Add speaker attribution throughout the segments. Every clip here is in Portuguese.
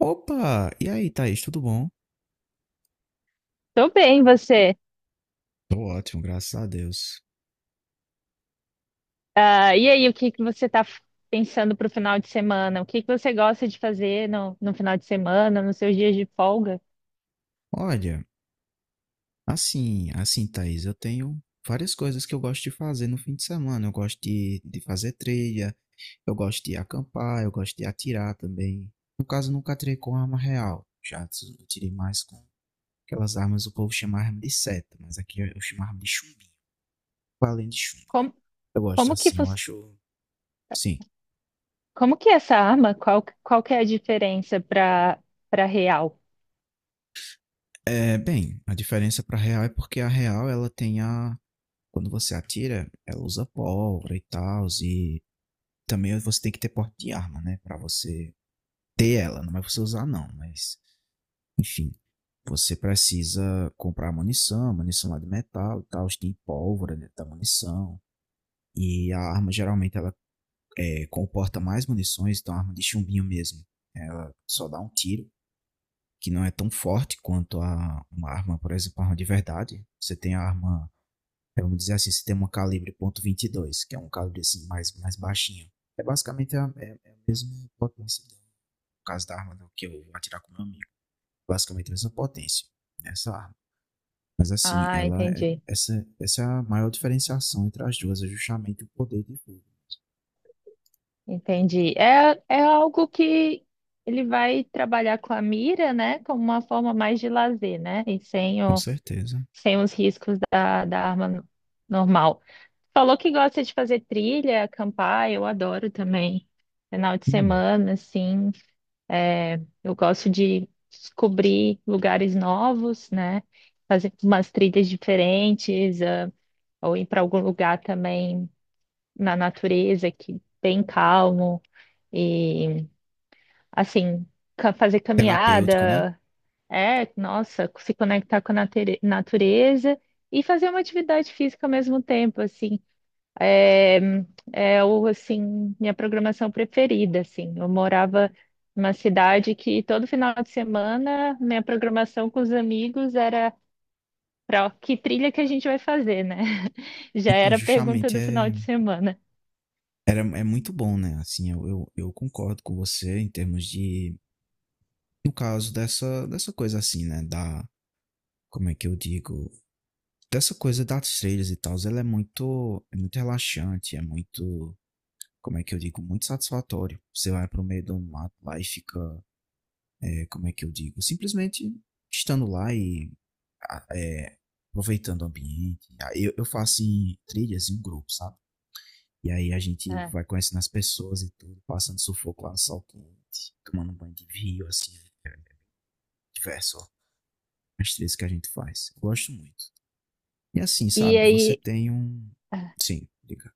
Speaker 1: Opa! E aí, Thaís, tudo bom?
Speaker 2: Tô bem, você.
Speaker 1: Tô ótimo, graças a Deus.
Speaker 2: Ah, e aí, o que que você tá pensando pro final de semana? O que que você gosta de fazer no final de semana, nos seus dias de folga?
Speaker 1: Olha, Thaís, eu tenho várias coisas que eu gosto de fazer no fim de semana. Eu gosto de fazer trilha, eu gosto de acampar, eu gosto de atirar também. No caso, nunca atirei com arma real. Atirei mais com aquelas armas, o povo chama arma de seta, mas aqui eu chamo arma de chumbinho. Além de chumbo.
Speaker 2: Como,
Speaker 1: Eu gosto
Speaker 2: como que,
Speaker 1: assim, eu
Speaker 2: fos-
Speaker 1: acho. Sim.
Speaker 2: como que é essa arma, qual que é a diferença para real?
Speaker 1: A diferença pra real é porque a real ela tem a. Quando você atira, ela usa pólvora e tal, e também você tem que ter porte de arma, né? Pra você ter ela, não é pra você usar não, mas enfim. Você precisa comprar munição, munição lá de metal e tal, tem pólvora dentro da munição. E a arma geralmente ela comporta mais munições, então a arma de chumbinho mesmo. Ela só dá um tiro, que não é tão forte quanto a uma arma, por exemplo, a arma de verdade. Você tem a arma. Vamos dizer assim, se tem um calibre .22, que é um calibre assim mais baixinho. É basicamente é a mesma potência, do, no caso da arma do que eu vou atirar com meu amigo. Basicamente a mesma potência nessa arma. Mas assim,
Speaker 2: Ah,
Speaker 1: essa é a maior diferenciação entre as duas, é justamente o poder de fogo.
Speaker 2: entendi. É, é algo que ele vai trabalhar com a mira, né, como uma forma mais de lazer, né, e
Speaker 1: Com certeza.
Speaker 2: sem os riscos da arma normal. Falou que gosta de fazer trilha, acampar, eu adoro também. Final de
Speaker 1: Hum,
Speaker 2: semana, assim, é, eu gosto de descobrir lugares novos, né? Fazer umas trilhas diferentes, ah, ou ir para algum lugar também na natureza, que bem calmo e assim, fazer
Speaker 1: terapêutico, né?
Speaker 2: caminhada, é, nossa, se conectar com a natureza e fazer uma atividade física ao mesmo tempo, assim. É, é o, assim, minha programação preferida, assim. Eu morava numa cidade que todo final de semana minha programação com os amigos era para que trilha que a gente vai fazer, né? Já
Speaker 1: Então,
Speaker 2: era a pergunta
Speaker 1: justamente
Speaker 2: do final
Speaker 1: é,
Speaker 2: de semana.
Speaker 1: é muito bom, né? Assim, eu concordo com você em termos de. No caso dessa coisa assim, né? Da. Como é que eu digo? Dessa coisa das trilhas e tal, ela é é muito relaxante, é muito, como é que eu digo, muito satisfatório. Você vai pro meio do mato lá e fica, como é que eu digo, simplesmente estando lá e ah, é, aproveitando o ambiente. Ah, eu faço em trilhas em um grupo, sabe? E aí a gente
Speaker 2: Ah,
Speaker 1: vai conhecendo as pessoas e tudo, passando sufoco lá no sol quente, tomando um banho de rio, assim, é, diverso, ó, as trilhas que a gente faz. Eu gosto muito. E assim,
Speaker 2: e
Speaker 1: sabe, você
Speaker 2: aí,
Speaker 1: tem um...
Speaker 2: ah,
Speaker 1: Sim, diga.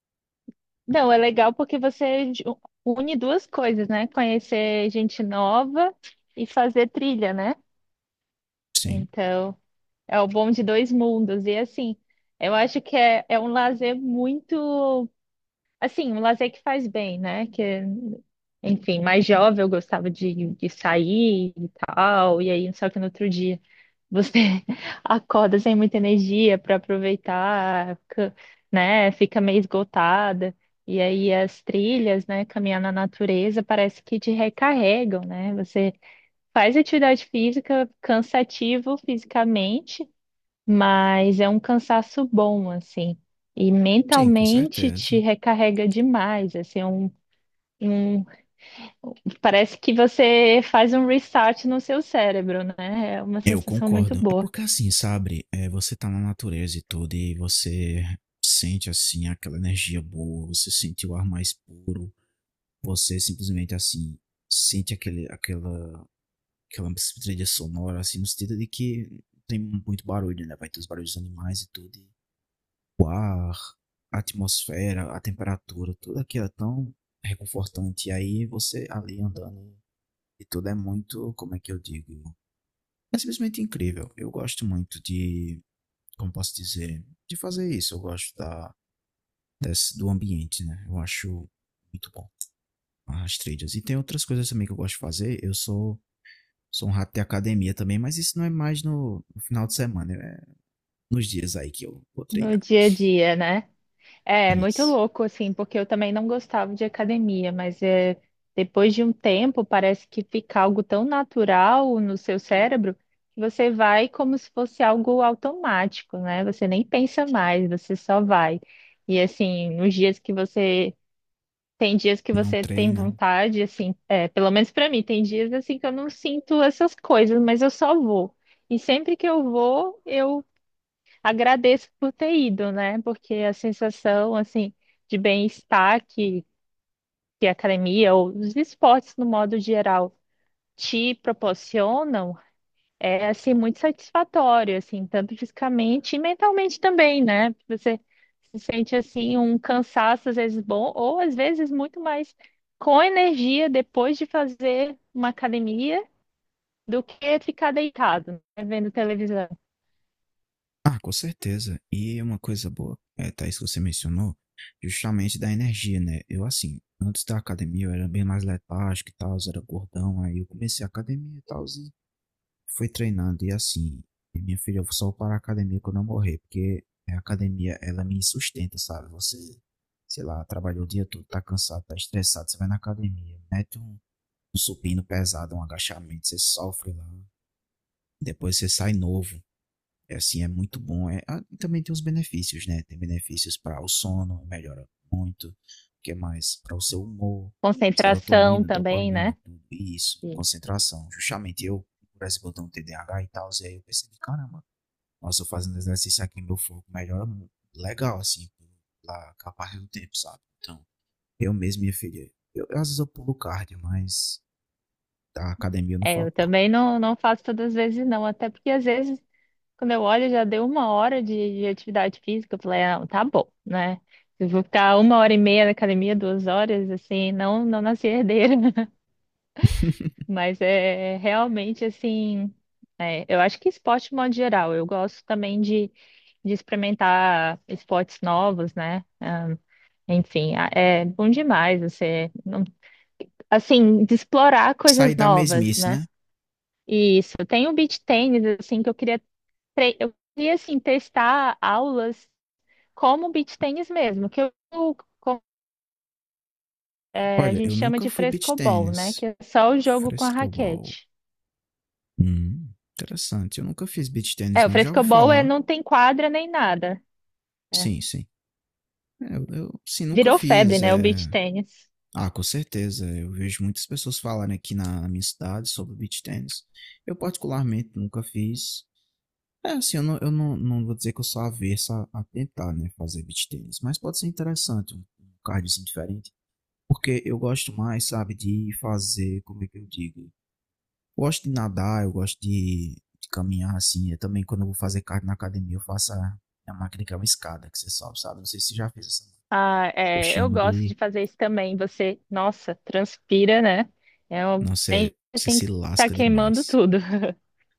Speaker 2: não, é legal porque você une duas coisas, né? Conhecer gente nova e fazer trilha, né?
Speaker 1: Sim,
Speaker 2: Então, é o bom de dois mundos. E assim, eu acho que é, é um lazer muito. Assim, um lazer que faz bem, né? Que, enfim, mais jovem eu gostava de sair e tal, e aí só que no outro dia você acorda sem muita energia para aproveitar, né? Fica meio esgotada. E aí as trilhas, né? Caminhar na natureza parece que te recarregam, né? Você faz atividade física cansativo fisicamente, mas é um cansaço bom, assim. E
Speaker 1: sim, com
Speaker 2: mentalmente te
Speaker 1: certeza.
Speaker 2: recarrega demais, assim, é um, um- parece que você faz um restart no seu cérebro, né? É uma
Speaker 1: Eu
Speaker 2: sensação muito
Speaker 1: concordo. É
Speaker 2: boa
Speaker 1: porque assim, sabe, você tá na natureza e tudo, e você sente assim aquela energia boa, você sente o ar mais puro, você simplesmente assim sente aquela trilha sonora, assim, no sentido de que tem muito barulho, né? Vai ter os barulhos dos animais e tudo. E o ar, a atmosfera, a temperatura, tudo aquilo é tão reconfortante. E aí você ali andando e tudo é muito, como é que eu digo? É simplesmente incrível. Eu gosto muito de, como posso dizer, de fazer isso. Eu gosto desse, do ambiente, né? Eu acho muito bom as trilhas. E tem outras coisas também que eu gosto de fazer. Sou um rato de academia também, mas isso não é mais no final de semana, é nos dias aí que eu vou
Speaker 2: no
Speaker 1: treinar.
Speaker 2: dia a dia, né? É, muito
Speaker 1: Isso.
Speaker 2: louco, assim, porque eu também não gostava de academia, mas é, depois de um tempo parece que fica algo tão natural no seu cérebro que você vai como se fosse algo automático, né? Você nem pensa mais, você só vai. E assim, nos dias que você tem dias que
Speaker 1: Não
Speaker 2: você tem
Speaker 1: treina.
Speaker 2: vontade, assim, é, pelo menos para mim, tem dias assim que eu não sinto essas coisas, mas eu só vou. E sempre que eu vou, eu agradeço por ter ido, né? Porque a sensação, assim, de que a academia ou os esportes, no modo geral, te proporcionam é, assim, muito satisfatório, assim, tanto fisicamente e mentalmente também, né? Você se sente, assim, um cansaço, às vezes bom, ou às vezes muito mais com energia depois de fazer uma academia do que ficar deitado, né? Vendo televisão.
Speaker 1: Ah, com certeza. E uma coisa boa, é, Thaís, que você mencionou, justamente da energia, né? Eu, assim, antes da academia eu era bem mais letárgico e tal, era gordão, aí eu comecei a academia e tal, e fui treinando. E assim, e minha filha, eu só vou parar a academia quando eu morrer, porque a academia, ela me sustenta, sabe? Você, sei lá, trabalhou o dia todo, tá cansado, tá estressado, você vai na academia, mete um supino pesado, um agachamento, você sofre lá, depois você sai novo. É assim, é muito bom. É, ah, e também tem os benefícios, né? Tem benefícios para o sono, melhora muito. O que é mais? Para o seu humor,
Speaker 2: Concentração
Speaker 1: serotonina,
Speaker 2: também, né?
Speaker 1: dopamina, tudo isso,
Speaker 2: Isso.
Speaker 1: concentração. Justamente eu, por exemplo, eu tenho um TDAH e tal, e aí eu percebi, caramba, nossa, eu fazendo exercício aqui, meu foco melhora muito. Legal, assim, pela capaz do tempo, sabe? Então, eu mesmo, minha filha, eu, às vezes eu pulo cardio, mas da academia eu não
Speaker 2: É, eu
Speaker 1: falta, não.
Speaker 2: também não faço todas as vezes, não. Até porque às vezes, quando eu olho, já deu uma hora de atividade física. Eu falei, ah, tá bom, né? Eu vou ficar uma hora e meia na academia, duas horas, assim, não, não nasci herdeira. Mas é realmente assim. É, eu acho que esporte, de modo geral, eu gosto também de experimentar esportes novos, né? Ah, enfim, é bom demais você, assim, de explorar coisas
Speaker 1: Sair da
Speaker 2: novas,
Speaker 1: mesmice,
Speaker 2: né?
Speaker 1: né?
Speaker 2: Isso, tem o beach tennis, assim, que eu queria, eu queria, assim, testar aulas como beach tennis mesmo, co- é, a
Speaker 1: Olha,
Speaker 2: gente
Speaker 1: eu
Speaker 2: chama
Speaker 1: nunca
Speaker 2: de
Speaker 1: fui beat
Speaker 2: frescobol, né?
Speaker 1: tênis,
Speaker 2: Que é só o jogo com a
Speaker 1: frescobol.
Speaker 2: raquete.
Speaker 1: Hum. Interessante. Eu nunca fiz beach tennis,
Speaker 2: É, o
Speaker 1: não. Já ouvi
Speaker 2: frescobol é,
Speaker 1: falar.
Speaker 2: não tem quadra nem nada. É.
Speaker 1: Sim, sim. É, nunca
Speaker 2: Virou febre,
Speaker 1: fiz.
Speaker 2: né, o beach
Speaker 1: É.
Speaker 2: tennis.
Speaker 1: Ah, com certeza. Eu vejo muitas pessoas falarem aqui na minha cidade sobre beach tennis. Eu, particularmente, nunca fiz. É, assim, eu não, não vou dizer que eu sou avesso a tentar, né, fazer beach tennis. Mas pode ser interessante, um cardiozinho diferente. Porque eu gosto mais, sabe, de fazer, como é que eu digo? Gosto de nadar, eu gosto de caminhar assim. Eu também, quando eu vou fazer cardio na academia, eu faço a máquina que é uma escada que você sobe, sabe? Não sei se você já fez essa.
Speaker 2: Ah,
Speaker 1: Eu
Speaker 2: é, eu
Speaker 1: chamo
Speaker 2: gosto de
Speaker 1: de.
Speaker 2: fazer isso também. Você, nossa, transpira, né? É um
Speaker 1: Não sei,
Speaker 2: bem
Speaker 1: você
Speaker 2: assim
Speaker 1: se
Speaker 2: que tá
Speaker 1: lasca
Speaker 2: queimando
Speaker 1: demais.
Speaker 2: tudo.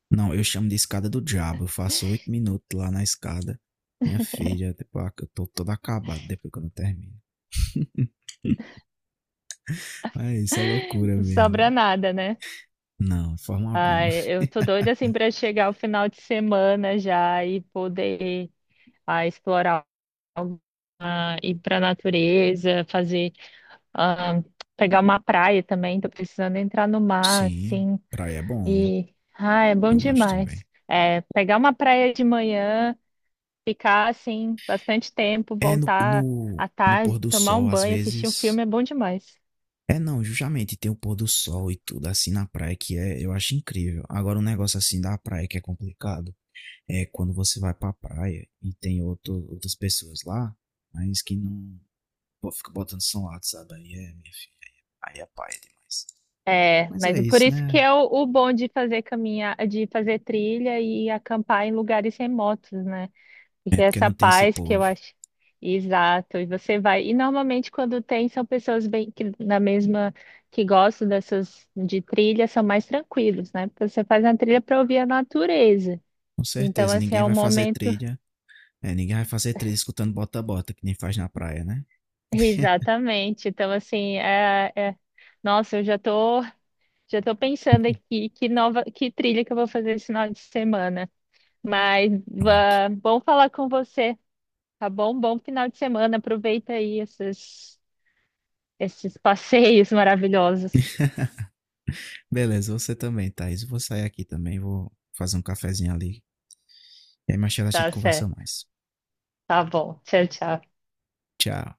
Speaker 1: Não, eu chamo de escada do diabo. Eu faço 8 minutos lá na escada. Minha filha, tipo, ah, eu tô todo acabado depois quando eu termino. Mas isso é loucura
Speaker 2: Não
Speaker 1: mesmo,
Speaker 2: sobra
Speaker 1: viu?
Speaker 2: nada, né?
Speaker 1: Não, de forma alguma.
Speaker 2: Ai, eu tô doida assim para chegar o final de semana já e poder ah, explorar, ah, ir para natureza, fazer, ah, pegar uma praia também. Tô precisando entrar no mar,
Speaker 1: Sim,
Speaker 2: assim.
Speaker 1: praia é bom.
Speaker 2: E ah, é bom
Speaker 1: Eu gosto
Speaker 2: demais.
Speaker 1: também.
Speaker 2: É, pegar uma praia de manhã, ficar assim bastante tempo,
Speaker 1: É no,
Speaker 2: voltar
Speaker 1: no,
Speaker 2: à
Speaker 1: no
Speaker 2: tarde,
Speaker 1: pôr do
Speaker 2: tomar
Speaker 1: sol,
Speaker 2: um
Speaker 1: às
Speaker 2: banho, assistir um
Speaker 1: vezes.
Speaker 2: filme é bom demais.
Speaker 1: É, não, justamente tem o pôr do sol e tudo assim na praia que é, eu acho incrível. Agora, um negócio assim da praia que é complicado é quando você vai pra praia e tem outras pessoas lá, mas que não. Pô, fica botando som alto, sabe? Aí é, minha filha, aí é paia demais.
Speaker 2: É,
Speaker 1: Mas
Speaker 2: mas
Speaker 1: é
Speaker 2: é por
Speaker 1: isso,
Speaker 2: isso que
Speaker 1: né?
Speaker 2: é o bom de fazer caminhar, de fazer trilha e acampar em lugares remotos, né?
Speaker 1: É
Speaker 2: Porque
Speaker 1: porque
Speaker 2: essa
Speaker 1: não tem esse
Speaker 2: paz que eu
Speaker 1: povo.
Speaker 2: acho. Exato, e você vai. E normalmente quando tem, são pessoas bem que na mesma que gostam dessas de trilha, são mais tranquilos, né? Porque você faz a trilha para ouvir a natureza.
Speaker 1: Com
Speaker 2: Então,
Speaker 1: certeza,
Speaker 2: assim,
Speaker 1: ninguém
Speaker 2: é um
Speaker 1: vai fazer
Speaker 2: momento.
Speaker 1: trilha. É, ninguém vai fazer trilha escutando bota-bota, que nem faz na praia, né?
Speaker 2: Exatamente. Então, assim, é- nossa, já tô pensando aqui que nova, que trilha que eu vou fazer esse final de semana. Mas
Speaker 1: Pronto.
Speaker 2: bom falar com você, tá bom? Bom final de semana. Aproveita aí esses, esses passeios maravilhosos.
Speaker 1: Beleza, você também, Thaís. Eu vou sair aqui também, vou fazer um cafezinho ali. E aí mais tarde a gente
Speaker 2: Tá
Speaker 1: conversa
Speaker 2: certo.
Speaker 1: mais.
Speaker 2: Tá bom. Tchau, tchau.
Speaker 1: Tchau.